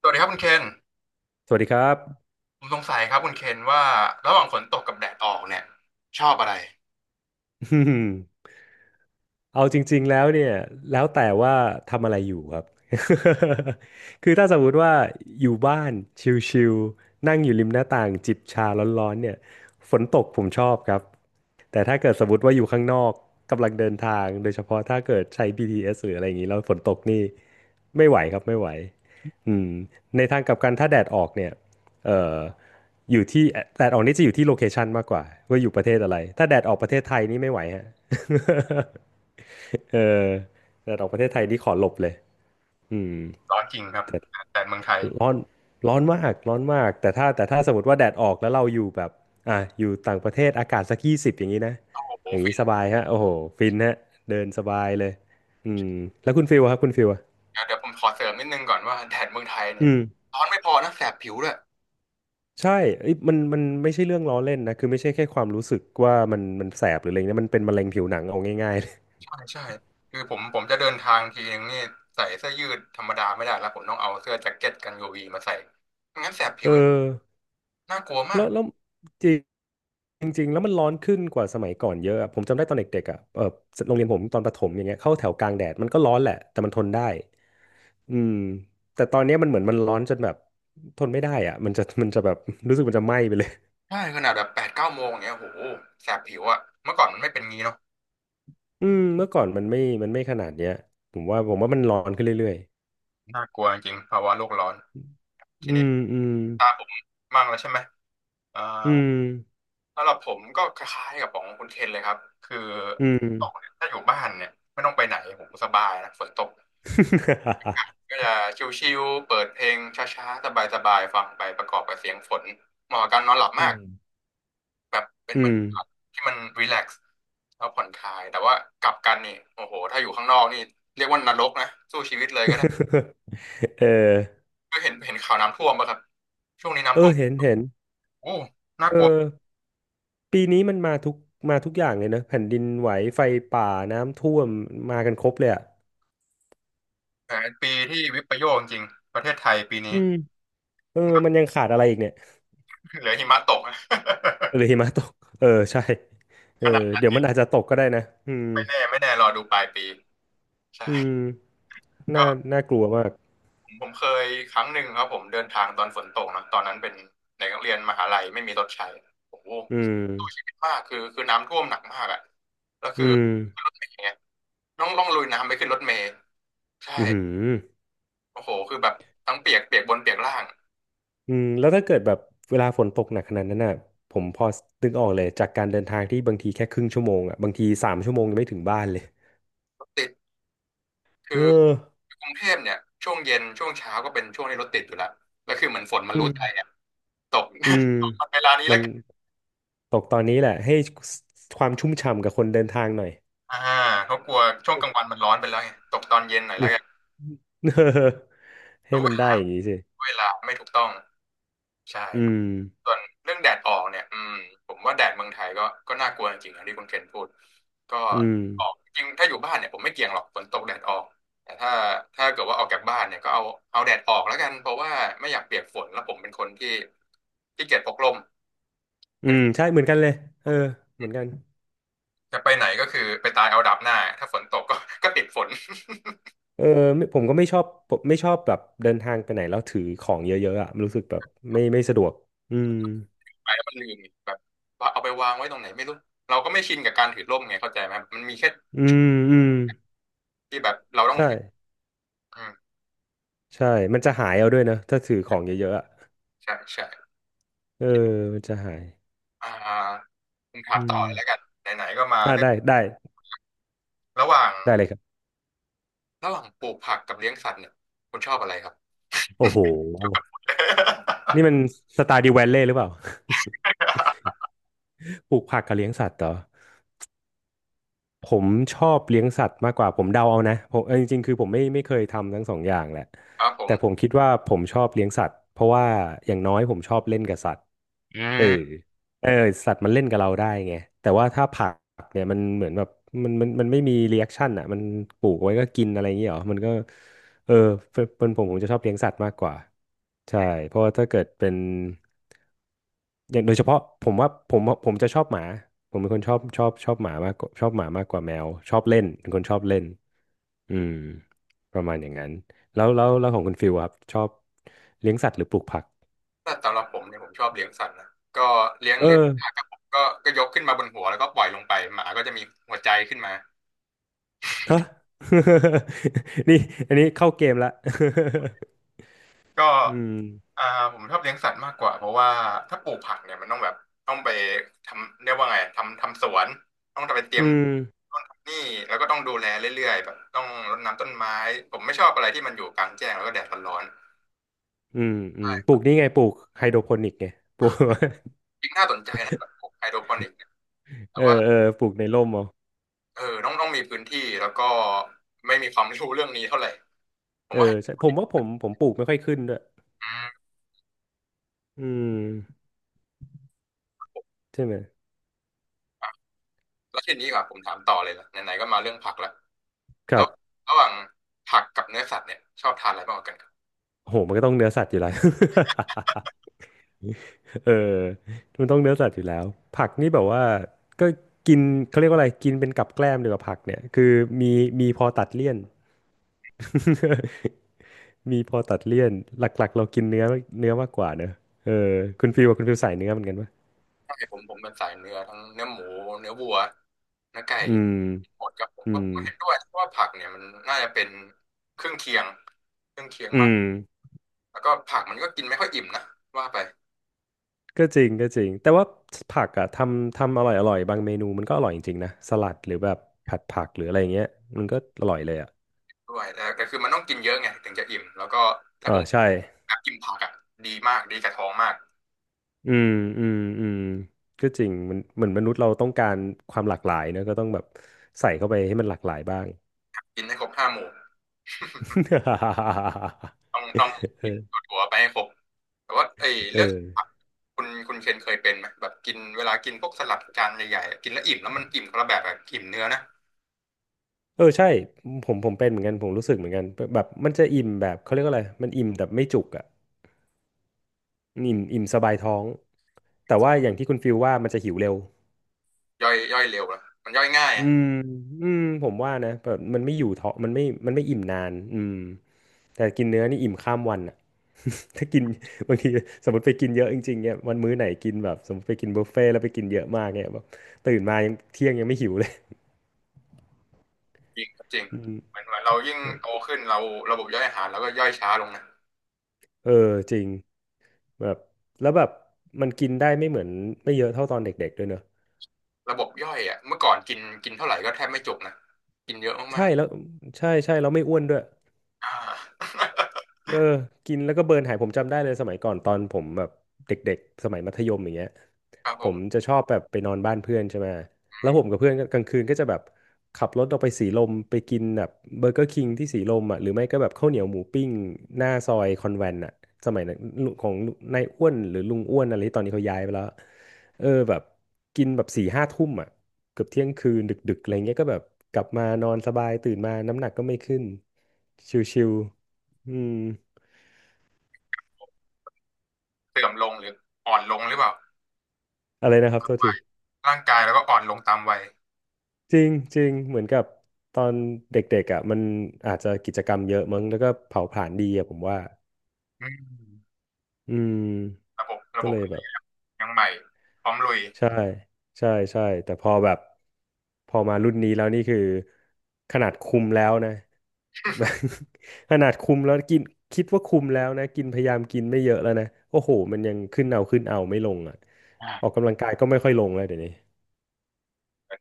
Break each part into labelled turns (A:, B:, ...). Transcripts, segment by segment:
A: สวัสดีครับคุณเคน
B: สวัสดีครับ
A: ผมสงสัยครับคุณเคนว่าระหว่างฝนตกกับแดดออกเนี่ยชอบอะไร
B: เอาจริงๆแล้วเนี่ยแล้วแต่ว่าทำอะไรอยู่ครับ คือถ้าสมมุติว่าอยู่บ้านชิลๆนั่งอยู่ริมหน้าต่างจิบชาร้อนๆเนี่ยฝนตกผมชอบครับแต่ถ้าเกิดสมมติว่าอยู่ข้างนอกกำลังเดินทางโดยเฉพาะถ้าเกิดใช้ BTS หรืออะไรอย่างนี้แล้วฝนตกนี่ไม่ไหวครับไม่ไหวอืมในทางกลับกันถ้าแดดออกเนี่ยเอ่ออยู่ที่แดดออกนี่จะอยู่ที่โลเคชันมากกว่าว่าอยู่ประเทศอะไรถ้าแดดออกประเทศไทยนี่ไม่ไหวฮะ เออแต่ดอกประเทศไทยนี่ขอหลบเลยอืม
A: ร้อนจริงครับ
B: แต่
A: แดดเมืองไทย
B: ร้อนร้อนมากร้อนมากแต่ถ้าสมมติว่าแดดออกแล้วเราอยู่แบบอ่ะอยู่ต่างประเทศอากาศสักยี่สิบอย่างนี้นะ
A: โอ้โห
B: อย่าง
A: ฟิ
B: นี้
A: น
B: สบายฮะโอ้โหฟินฮะเดินสบายเลยอืมแล้วคุณฟิลอะครับคุณฟิลอะ
A: นะเดี๋ยวผมขอเสริมนิดนึงก่อนว่าแดดเมืองไทยเนี่
B: อื
A: ย
B: ม
A: ร้อนไม่พอนะแสบผิวด้วย
B: ใช่เอ้ยมันไม่ใช่เรื่องล้อเล่นนะคือไม่ใช่แค่ความรู้สึกว่ามันแสบหรืออะไรเงี้ยมันเป็นมะเร็งผิวหนังเอาง่ายๆเลย
A: ใช่ใช่คือผมจะเดินทางทีนึงนี่ใส่เสื้อยืดธรรมดาไม่ได้แล้วผมต้องเอาเสื้อแจ็คเก็ตกันยูวีมาใส่ไม่งั้นแสบผิ
B: เออ
A: วน่ากลัว
B: แล้
A: มา
B: ว
A: ก
B: แล้วจริงจริงๆแล้วมันร้อนขึ้นกว่าสมัยก่อนเยอะอะผมจำได้ตอนเด็กๆอ่ะเออโรงเรียนผมตอนประถมอย่างเงี้ยเข้าแถวกลางแดดมันก็ร้อนแหละแต่มันทนได้อืมแต่ตอนเนี้ยมันเหมือนมันร้อนจนแบบทนไม่ได้อ่ะมันจะ มันจะแบบ รู้สึกมันจะไหม้ไปเลย
A: ใช่ขนาดแบบแปดเก้าโมงเนี่ยโอ้โหแสบผิวอะเมื่อก่อนมันไม่เป็นงี้เนาะ
B: อืมเมื่อก่อนมันไม่มันไม่ขนาดเนี้ยผมว่ามันร้อนขึ้นเรื่อย
A: น่ากลัวจริงภาวะโลกร้อน
B: ๆ
A: ที
B: อื
A: นี้
B: มอืม
A: ตาผมมั่งแล้วใช่ไหมอ่า
B: อืม
A: สำหรับผมก็คล้ายๆกับของคุณเคนเลยครับคือ
B: อืม
A: ตกเนี่ยถ้าอยู่บ้านเนี่ยไม่ต้องไปไหนผมสบายนะฝนตกก็จะชิลๆเปิดเพลงช้าๆสบายๆฟังไปประกอบกับเสียงฝนเหมาะกับการนอนหลับมาก แบบเป็น
B: อื
A: บรร
B: ม อืม
A: ยากาศที่มันรีแลกซ์แล้วผ่อนคลายแต่ว่ากลับกันนี่โอ้โหถ้าอยู่ข้างนอกนี่เรียกว่านรกนะสู้ชีวิตเลยก็ได้
B: เออ
A: ก็เห็นเห็นข่าวน้ำท่วมป่ะครับช่วงนี้
B: เอ
A: น้ำท่ว
B: อ
A: ม
B: เห็นเห็น
A: โอ้น่า
B: เอ
A: กลัว
B: อ ปีนี้มันมาทุกมาทุกอย่างเลยนะแผ่นดินไหวไฟป่าน้ำท่วมมากันครบเลยอ่ะ
A: แหมปีที่วิปโยคจริงๆประเทศไทยปี
B: อื
A: นี้
B: มเออมันยังขาดอะไรอีกเนี่ย
A: เหลือหิมะตกนะ
B: หรือหิมะตกเออใช่เออ
A: ข
B: เดี๋ยวมันอาจจะตกก็ได้นะอืม
A: ไม่แน่ไม่แน่รอดูปลายปีใช่
B: อืมน่า
A: ก็
B: น่ากลัวมาก
A: ผมเคยครั้งหนึ่งครับผมเดินทางตอนฝนตกนะตอนนั้นเป็นเด็กนักเรียนมหาลัยไม่มีรถใช้โอ้โห
B: อืม
A: สู้ชีวิตมากคือน้ำท่วมหนักมากอ่ะแล้ว
B: อื
A: คือ
B: ม
A: ขึ้นรถเมล์ไงต้องลุยน้ำไปขึ้นรถเมล์ใช่
B: อืมอ
A: โอ้โหคือแบบทั้งเปียกเปียกบนเปียกล่าง
B: อืมแล้วถ้าเกิดแบบเวลาฝนตกหนักขนาดนั้นน่ะผมพอนึกออกเลยจากการเดินทางที่บางทีแค่ครึ่งชั่วโมงอ่ะบางทีสามชั่วโมงยังไม่ถึงบ้านเลย
A: รถติดคื
B: เออ
A: อกรุงเทพเนี่ยช่วงเย็นช่วงเช้าก็เป็นช่วงที่รถติดอยู่แล้วแล้วคือเหมือนฝนมัน
B: อื
A: รู้
B: ม
A: ใจอ่ะตก
B: อืม
A: ตกมาเวลานี้
B: มั
A: แล้ว
B: น
A: กัน
B: ตกตอนนี้แหละให้ความชุ่มฉ่ำกับคนเดินทางหน่อย
A: อ่าเขากลัวช่วงกลางวันมันร้อนไปแล้วไงตกตอนเย็นหน่อยแล้วกัน
B: เออให้
A: รู้เว
B: มันได้
A: ลา
B: อย่างนี้สิ
A: เวลาไม่ถูกต้องใช่
B: อื
A: ครับ
B: ม
A: ส่วนเรื่องแดดออกเนี่ยอืมผมว่าแดดเมืองไทยก็น่ากลัวจริงๆนะที่คุณเคนพูดก็
B: อืม
A: ออกจริงถ้าอยู่บ้านเนี่ยผมไม่เกี่ยงหรอกฝนตกแดดออกแต่ถ้าถ้าเกิดว่าออกจากบ้านเนี่ยก็เอาเอาแดดออกแล้วกันเพราะว่าไม่อยากเปียกฝนแล้วผมเป็นคนที่ที่เกียจพกร่ม
B: อื
A: เป็น
B: มใช่เหมือนกันเลยเออเหมือนกัน
A: จะไปไหนก็คือไปตายเอาดับหน้าถ้าฝนตกก็ก็ติดฝน
B: เออไม่ผมก็ไม่ชอบผมไม่ชอบแบบเดินทางไปไหนแล้วถือของเยอะๆอ่ะมันรู้สึกแบบไม่สะดวกอืม
A: ไปแล้วมันลืมแบบว่าเอาไปวางไว้ตรงไหนไม่รู้เราก็ไม่ชินกับการถือร่มไงเข้าใจไหมมันมีแค่
B: อืมอืม
A: ที่แบบเราต้อง
B: ใช่
A: ถือ
B: ใช่มันจะหายเอาด้วยนะถ้าถือของเยอะๆอ่ะ
A: ใช่ใช่
B: เออ
A: ที่
B: มันจะหาย
A: อ่าคุณถา
B: อื
A: มต่อ
B: ม
A: เลยแล้วกันไหนๆก็มา
B: อ่า
A: เรื่อง
B: ได้ได้
A: ระหว่าง
B: ได้เลยครับ
A: ระหว่างปลูกผักกับเลี้ยงสัตว์เนี่ยคุณชอบอะไรครับ
B: โอ้โหนี่มันสตาร์ดิวแวลเลย์หรือเปล่า ปลูกผักกับเลี้ยงสัตว์เหรอผมชอบเลี้ยงสัตว์มากกว่าผมเดาเอานะผมเออจริงๆคือผมไม่เคยทำทั้งสองอย่างแหละ
A: ครับผ
B: แต่
A: ม
B: ผมคิดว่าผมชอบเลี้ยงสัตว์เพราะว่าอย่างน้อยผมชอบเล่นกับสัตว์
A: อื
B: เออ
A: ม
B: เออสัตว์มันเล่นกับเราได้ไงแต่ว่าถ้าผักเนี่ยมันเหมือนแบบมันไม่มีรีแอคชั่นอ่ะมันปลูกไว้ก็กินอะไรอย่างเงี้ยเหรอมันก็เออเป็นผมผมจะชอบเลี้ยงสัตว์มากกว่าใช่เพราะว่าถ้าเกิดเป็นอย่างโดยเฉพาะผมว่าผมจะชอบหมาผมเป็นคนชอบชอบหมามากกว่าชอบหมามากกว่าแมวชอบเล่นเป็นคนชอบเล่นอืมประมาณอย่างนั้นแล้วของคุณฟิลอะครับชอบเลี้ยงสัตว์หรือปลูกผัก
A: ถ้าสำหรับผมเนี่ยผมชอบเลี้ยงสัตว์นะก็เลี้ยง
B: เออ
A: เลี้ยงหมากระผมก็ยกขึ้นมาบนหัวแล้วก็ปล่อยลงไปหมาก็จะมีหัวใจขึ้นมา
B: ฮะ นี่อันนี้เข้าเกมละ
A: ก็
B: อืม
A: อ่าผมชอบเลี้ยงสัตว์มากกว่าเพราะว่าถ้าปลูกผักเนี่ยมันต้องแบบต้องไปทำเรียกว่าไงทำสวนต้องไปเตรียม
B: อืม
A: ต้นทำนี่แล้วก็ต้องดูแลเรื่อยๆแบบต้องรดน้ำต้นไม้ผมไม่ชอบอะไรที่มันอยู่กลางแจ้งแล้วก็แดดร้อน
B: อืม
A: ๆ
B: อืม
A: ใช่
B: ป
A: ค
B: ลู
A: รั
B: ก
A: บ
B: นี่ไงปลูกไฮโดรโปนิกไง ปลูก
A: จริงน่าสนใจนะแบบปลูกไฮโดรโปนิกเนี่ยแต่
B: เอ
A: ว่า
B: อเออปลูกในร่มเอา
A: เออต้องมีพื้นที่แล้วก็ไม่มีความรู้เรื่องนี้เท่าไหร่ผ
B: เอ
A: ม
B: อ
A: ว่า
B: ใช่ผมว่าผมปลูกไม่ค่อยขึ้นด้วย
A: อืม
B: อืมใช่ไหม
A: แล้วทีนี้ดีกว่าผมถามต่อเลยละไหนๆก็มาเรื่องผักแล้ว
B: ค
A: แล้
B: รั
A: ว
B: บ
A: ระหว่างผักกับเนื้อสัตว์เนี่ยชอบทานอะไรมากกว่ากัน
B: โหมันก็ต้องเนื้อสัตว์อยู่แล้ว เออมันต้องเนื้อสัตว์อยู่แล้ว ผักนี่แบบว่าก็กินเขาเรียกว่าอะไรกินเป็นกับแกล้มดีกว่าผักเนี่ยคือมีมีพอตัดเลี่ยน มีพอตัดเลี่ยนหลักๆเรากินเนื้อเนื้อมากกว่าเนอะเออคุณฟิวอะคุณฟิวสายเนื้อเหมือนกันปะ
A: ใช่ผมเป็นสายเนื้อทั้งเนื้อหมูเนื้อวัวเนื้อไก่
B: อืม
A: หมดกับผม
B: อื
A: ก็
B: ม
A: ผมก็เห็นด้วยเพราะว่าผักเนี่ยมันน่าจะเป็นเครื่องเคียงเครื่องเคียง
B: อื
A: มาก
B: ม
A: แล้วก็ผักมันก็กินไม่ค่อยอิ่มนะว่าไป
B: ก็จริงก็จริงแต่ว่าผักอะทำทำอร่อยอร่อยบางเมนูมันก็อร่อยจริงๆนะสลัดหรือแบบผัดผักหรืออะไรอย่างเงี้ยมันก็อร่อยเลยอะ
A: ด้วยแต่แต่คือมันต้องกินเยอะไงถึงจะอิ่มแล้วก็แต่
B: เออ
A: ผม
B: ใช่
A: แบบกินผักอ่ะดีมากดีกับท้องมาก
B: อืมอืมอืมก็จริงมันเหมือนมนุษย์เราต้องการความหลากหลายนะก็ต้องแบบใส่เข้าไปให้มันหลากหลายบ้าง
A: กินให้ครบห้าหมู่ ต้องกิน
B: เออ
A: ถั่วๆไปให้ครบแต่ว่าไอ้
B: เอ
A: เรื่องผัก
B: อ
A: คุณเคนเคยเป็นไหมแบบกินเวลากินพวกสลัดจานใหญ่ๆกินแล้วอิ่มแล้วมันอิ่มคนละแบบอะอิ่มเนื้อนะ
B: เออใช่ผมเป็นเหมือนกันผมรู้สึกเหมือนกันแบบมันจะอิ่มแบบเขาเรียกว่าอะไรมันอิ่มแบบไม่จุกอ่ะอิ่มสบายท้องแต่ว่าอย่างที่คุณฟิลว่ามันจะหิวเร็ว
A: ย่อยเร็วอะมันย่อยง่าย
B: อื
A: อะ
B: มอืมผมว่านะแบบมันไม่อยู่ท้องมันไม่อิ่มนานอืมแต่กินเนื้อนี่อิ่มข้ามวันอ่ะ ถ้ากินบางทีสมมติไปกินเยอะจริงๆเนี่ยวันมื้อไหนกินแบบสมมติไปกินบุฟเฟ่ต์แล้วไปกินเยอะมากเนี่ยแบบตื่นมายังเที่ยงยังไม่หิวเลย
A: จริงจริง
B: อืม
A: เหมือนเหมือนเรายิ่งโตขึ้นเราระบบย่อยอาหารเราก็ย่อยช้าลงนะ
B: เออจริง แบบแล้วแบบมันกินได้ไม่เหมือนไม่เยอะเท่าตอนเด็กๆด้วยเนอะ
A: ระบบย่อยอ่ะเมื่อก่อนกินกินเท่าไหร่ก็แทบไม่จุกนะกินเยอะ
B: ใช่
A: มาก
B: แล้วใช่ใช่แล้วไม่อ้วนด้วย
A: ๆอ่า
B: เออกินแล้วก็เบิร์นหายผมจำได้เลยสมัยก่อนตอนผมแบบเด็กๆสมัยมัธยมอย่างเงี้ย
A: ครับผ
B: ผ
A: ม
B: มจะชอบแบบไปนอนบ้านเพื่อนใช่ไหมแล้วผมกับเพื่อนก็กลางคืนก็จะแบบขับรถออกไปสีลมไปกินแบบเบอร์เกอร์คิงที่สีลมอ่ะหรือไม่ก็แบบข้าวเหนียวหมูปิ้งหน้าซอยคอนแวนต์อ่ะสมัยนั้นลุงของนายอ้วนหรือลุงอ้วนอะไรที่ตอนนี้เขาย้ายไปแล้วเออแบบกินแบบสี่ห้าทุ่มอ่ะเกือบเที่ยงคืนดึกๆอะไรเงี้ยก็แบบกลับมานอนสบายตื่นมาน้ำหนักก็ไม่ขึ้นชิวๆอืม
A: เสื่อมลงหรืออ่อนลงหรือเปล่า
B: อะไรนะครับโทษที
A: ร่างกายแล้วก็อ่อนลงตามวัย
B: จริงจริงเหมือนกับตอนเด็กๆอ่ะมันอาจจะกิจกรรมเยอะมั้งแล้วก็เผาผลาญดีอ่ะผมว่า
A: อืม
B: อืม
A: ระบบระ
B: ก็
A: บ
B: เล
A: บ
B: ยแบบ
A: ยังใหม่พร้อมลุย
B: ใช่ใช่ใช่แต่พอแบบพอมารุ่นนี้แล้วนี่คือขนาดคุมแล้วนะ ขนาดคุมแล้วกินคิดว่าคุมแล้วนะกินพยายามกินไม่เยอะแล้วนะโอ้โหมันยังขึ้นเอาขึ้นเอาไม่ลงอ่ะออก
A: อ่า
B: กำลังกายก็ไม่ค่อยลงแล้วเดี๋ยวนี้
A: เหมือน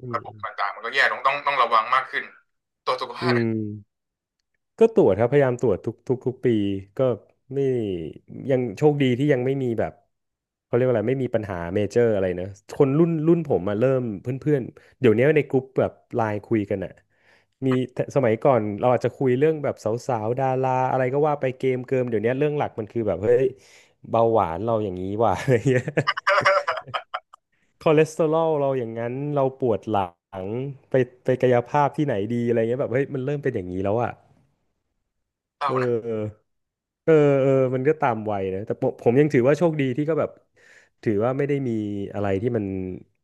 B: อื
A: ระ
B: ม
A: บบต่างๆมันก็แย่ลงต้องระวังมากขึ้น ตัวจสุข
B: อื
A: ภาพเป็น
B: ม ก็ตรวจครับพยายามตรวจทุกปีก็ไม่ยังโชคดีที่ยังไม่มีแบบเขาเรียกว่าอะไรไม่มีปัญหาเมเจอร์อะไรนะคนรุ่นผมมาเริ่มเพื่อนๆเดี๋ยวนี้ในกลุ่มแบบไลน์คุยกันอะมีสมัยก่อนเราอาจจะคุยเรื่องแบบสาวๆดาราอะไรก็ว่าไปเกมเกิมเดี๋ยวนี้เรื่องหลักมันคือแบบเฮ้ยเบาหวานเราอย่างนี้ว่ะ อะไรเงี้ยคอเลสเตอรอลเราอย่างนั้นเราปวดหลังไปไปกายภาพที่ไหนดีอะไรเงี้ยแบบเฮ้ยมันเริ่มเป็นอย่างนี้แล้วอะ
A: เศร้า
B: เออ
A: นะ
B: เออเออมันก็ตามวัยนะแต่ผมยังถือว่าโชคดีที่ก็แบบถือว่าไม่ได้มีอะไรที่มัน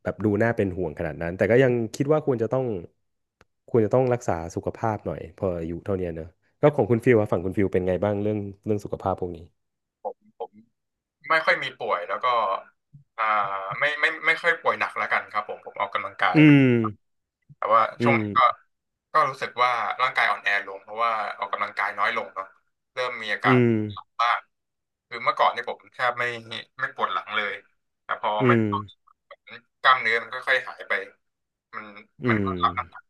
B: แบบดูน่าเป็นห่วงขนาดนั้นแต่ก็ยังคิดว่าควรจะต้องรักษาสุขภาพหน่อยพออายุเท่าเนี้ยเนอะก็ของคุณฟิลว่าฝั่งคุณฟิลเป็นไงบ้างเรื่องสุขภาพพวกนี้
A: ผม ไม่ค่อยมีป่วยแล้วก็อ่าไม่ค่อยป่วยหนักแล้วกันครับผมออกกำลังกาย
B: อืม
A: แต่ว่า
B: อื
A: ช่วงนี้ก็
B: ม
A: ก็รู้สึกว่าร่างกายอ่อนแอลงเพราะว่าออกกำลังกายน้อยลงเนาะเริ่มมีอา
B: อื
A: การ
B: ม
A: หลังบ้างคือเมื่อก่อนเนี่ยผมแทบไม่ปวดหลังเลยแต่พอ
B: อื
A: ไม่
B: ม
A: ได้ออกกล้ามเนื้อมันค่อยๆหายไปมันมั
B: อื
A: น
B: ม
A: ก็รับน้ำหนัก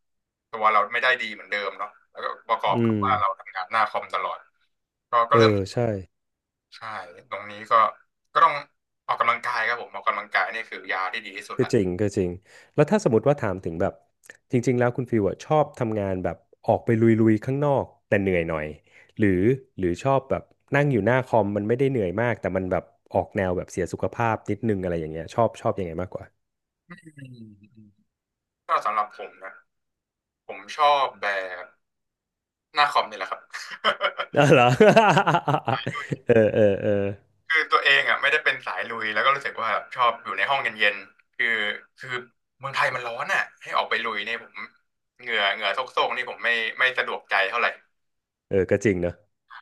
A: ตัวเราไม่ได้ดีเหมือนเดิมเนาะแล้วก็ประกอบ
B: อื
A: กับ
B: ม
A: ว่าเราทำงานหน้าคอมตลอดก็
B: เอ
A: เริ่ม
B: อใช่
A: ใช่ตรงนี้ก็ก็ต้องออกกำลังกายครับผมออกกำลังกายนี่คือยาที่ดีที่สุด
B: ก็
A: ละ
B: จริงก็จริงแล้วถ้าสมมติว่าถามถึงแบบจริงๆแล้วคุณฟิวอะชอบทำงานแบบออกไปลุยๆข้างนอกแต่เหนื่อยหน่อยหรือหรือชอบแบบนั่งอยู่หน้าคอมมันไม่ได้เหนื่อยมากแต่มันแบบออกแนวแบบเสียสุขภาพนิดนึงอะไรอย่างเงี้ยชอบยังไงมากกว่า
A: อืมอืมก็สำหรับผมนะผมชอบแบบหน้าคอมนี่แหละครับ
B: อ๋อเห รอ เออเออเออ
A: คือตัวเองอ่ะไม่ได้เป็นสายลุยแล้วก็รู้สึกว่าชอบอยู่ในห้องเย็นๆคือเมืองไทยมันร้อนอ่ะให้ออกไปลุยเนี่ยผมเหงื่อโซกๆนี่ผมไม่สะดวกใจเท่าไหร่
B: เออก็จริงเนอะ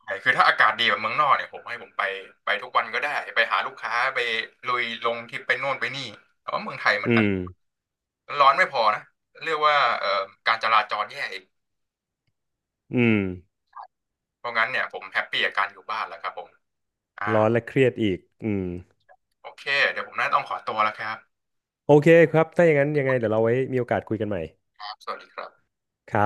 A: ใช่คือถ้าอากาศดีแบบเมืองนอกเนี่ยผมให้ผมไปไปทุกวันก็ได้ไปหาลูกค้าไปลุยลงที่ไปโน่นไปนี่แต่ว่าเมืองไทยมัน
B: อื
A: ดัน
B: ม
A: ร้อนไม่พอนะเรียกว่าการจราจรแย่อีก
B: อืม
A: เพราะงั้นเนี่ยผมแฮปปี้กับการอยู่บ้านแล้วครับผมอ่า
B: ร้อนและเครียดอีกอืม
A: โอเคเดี๋ยวผมน่าต้องขอตัวแล้วครับ
B: โอเคครับถ้าอย่างนั้นยังไงเดี๋ยวเราไว้มีโอกาสคุยกันใหม่
A: สวัสดีครับ
B: ครับ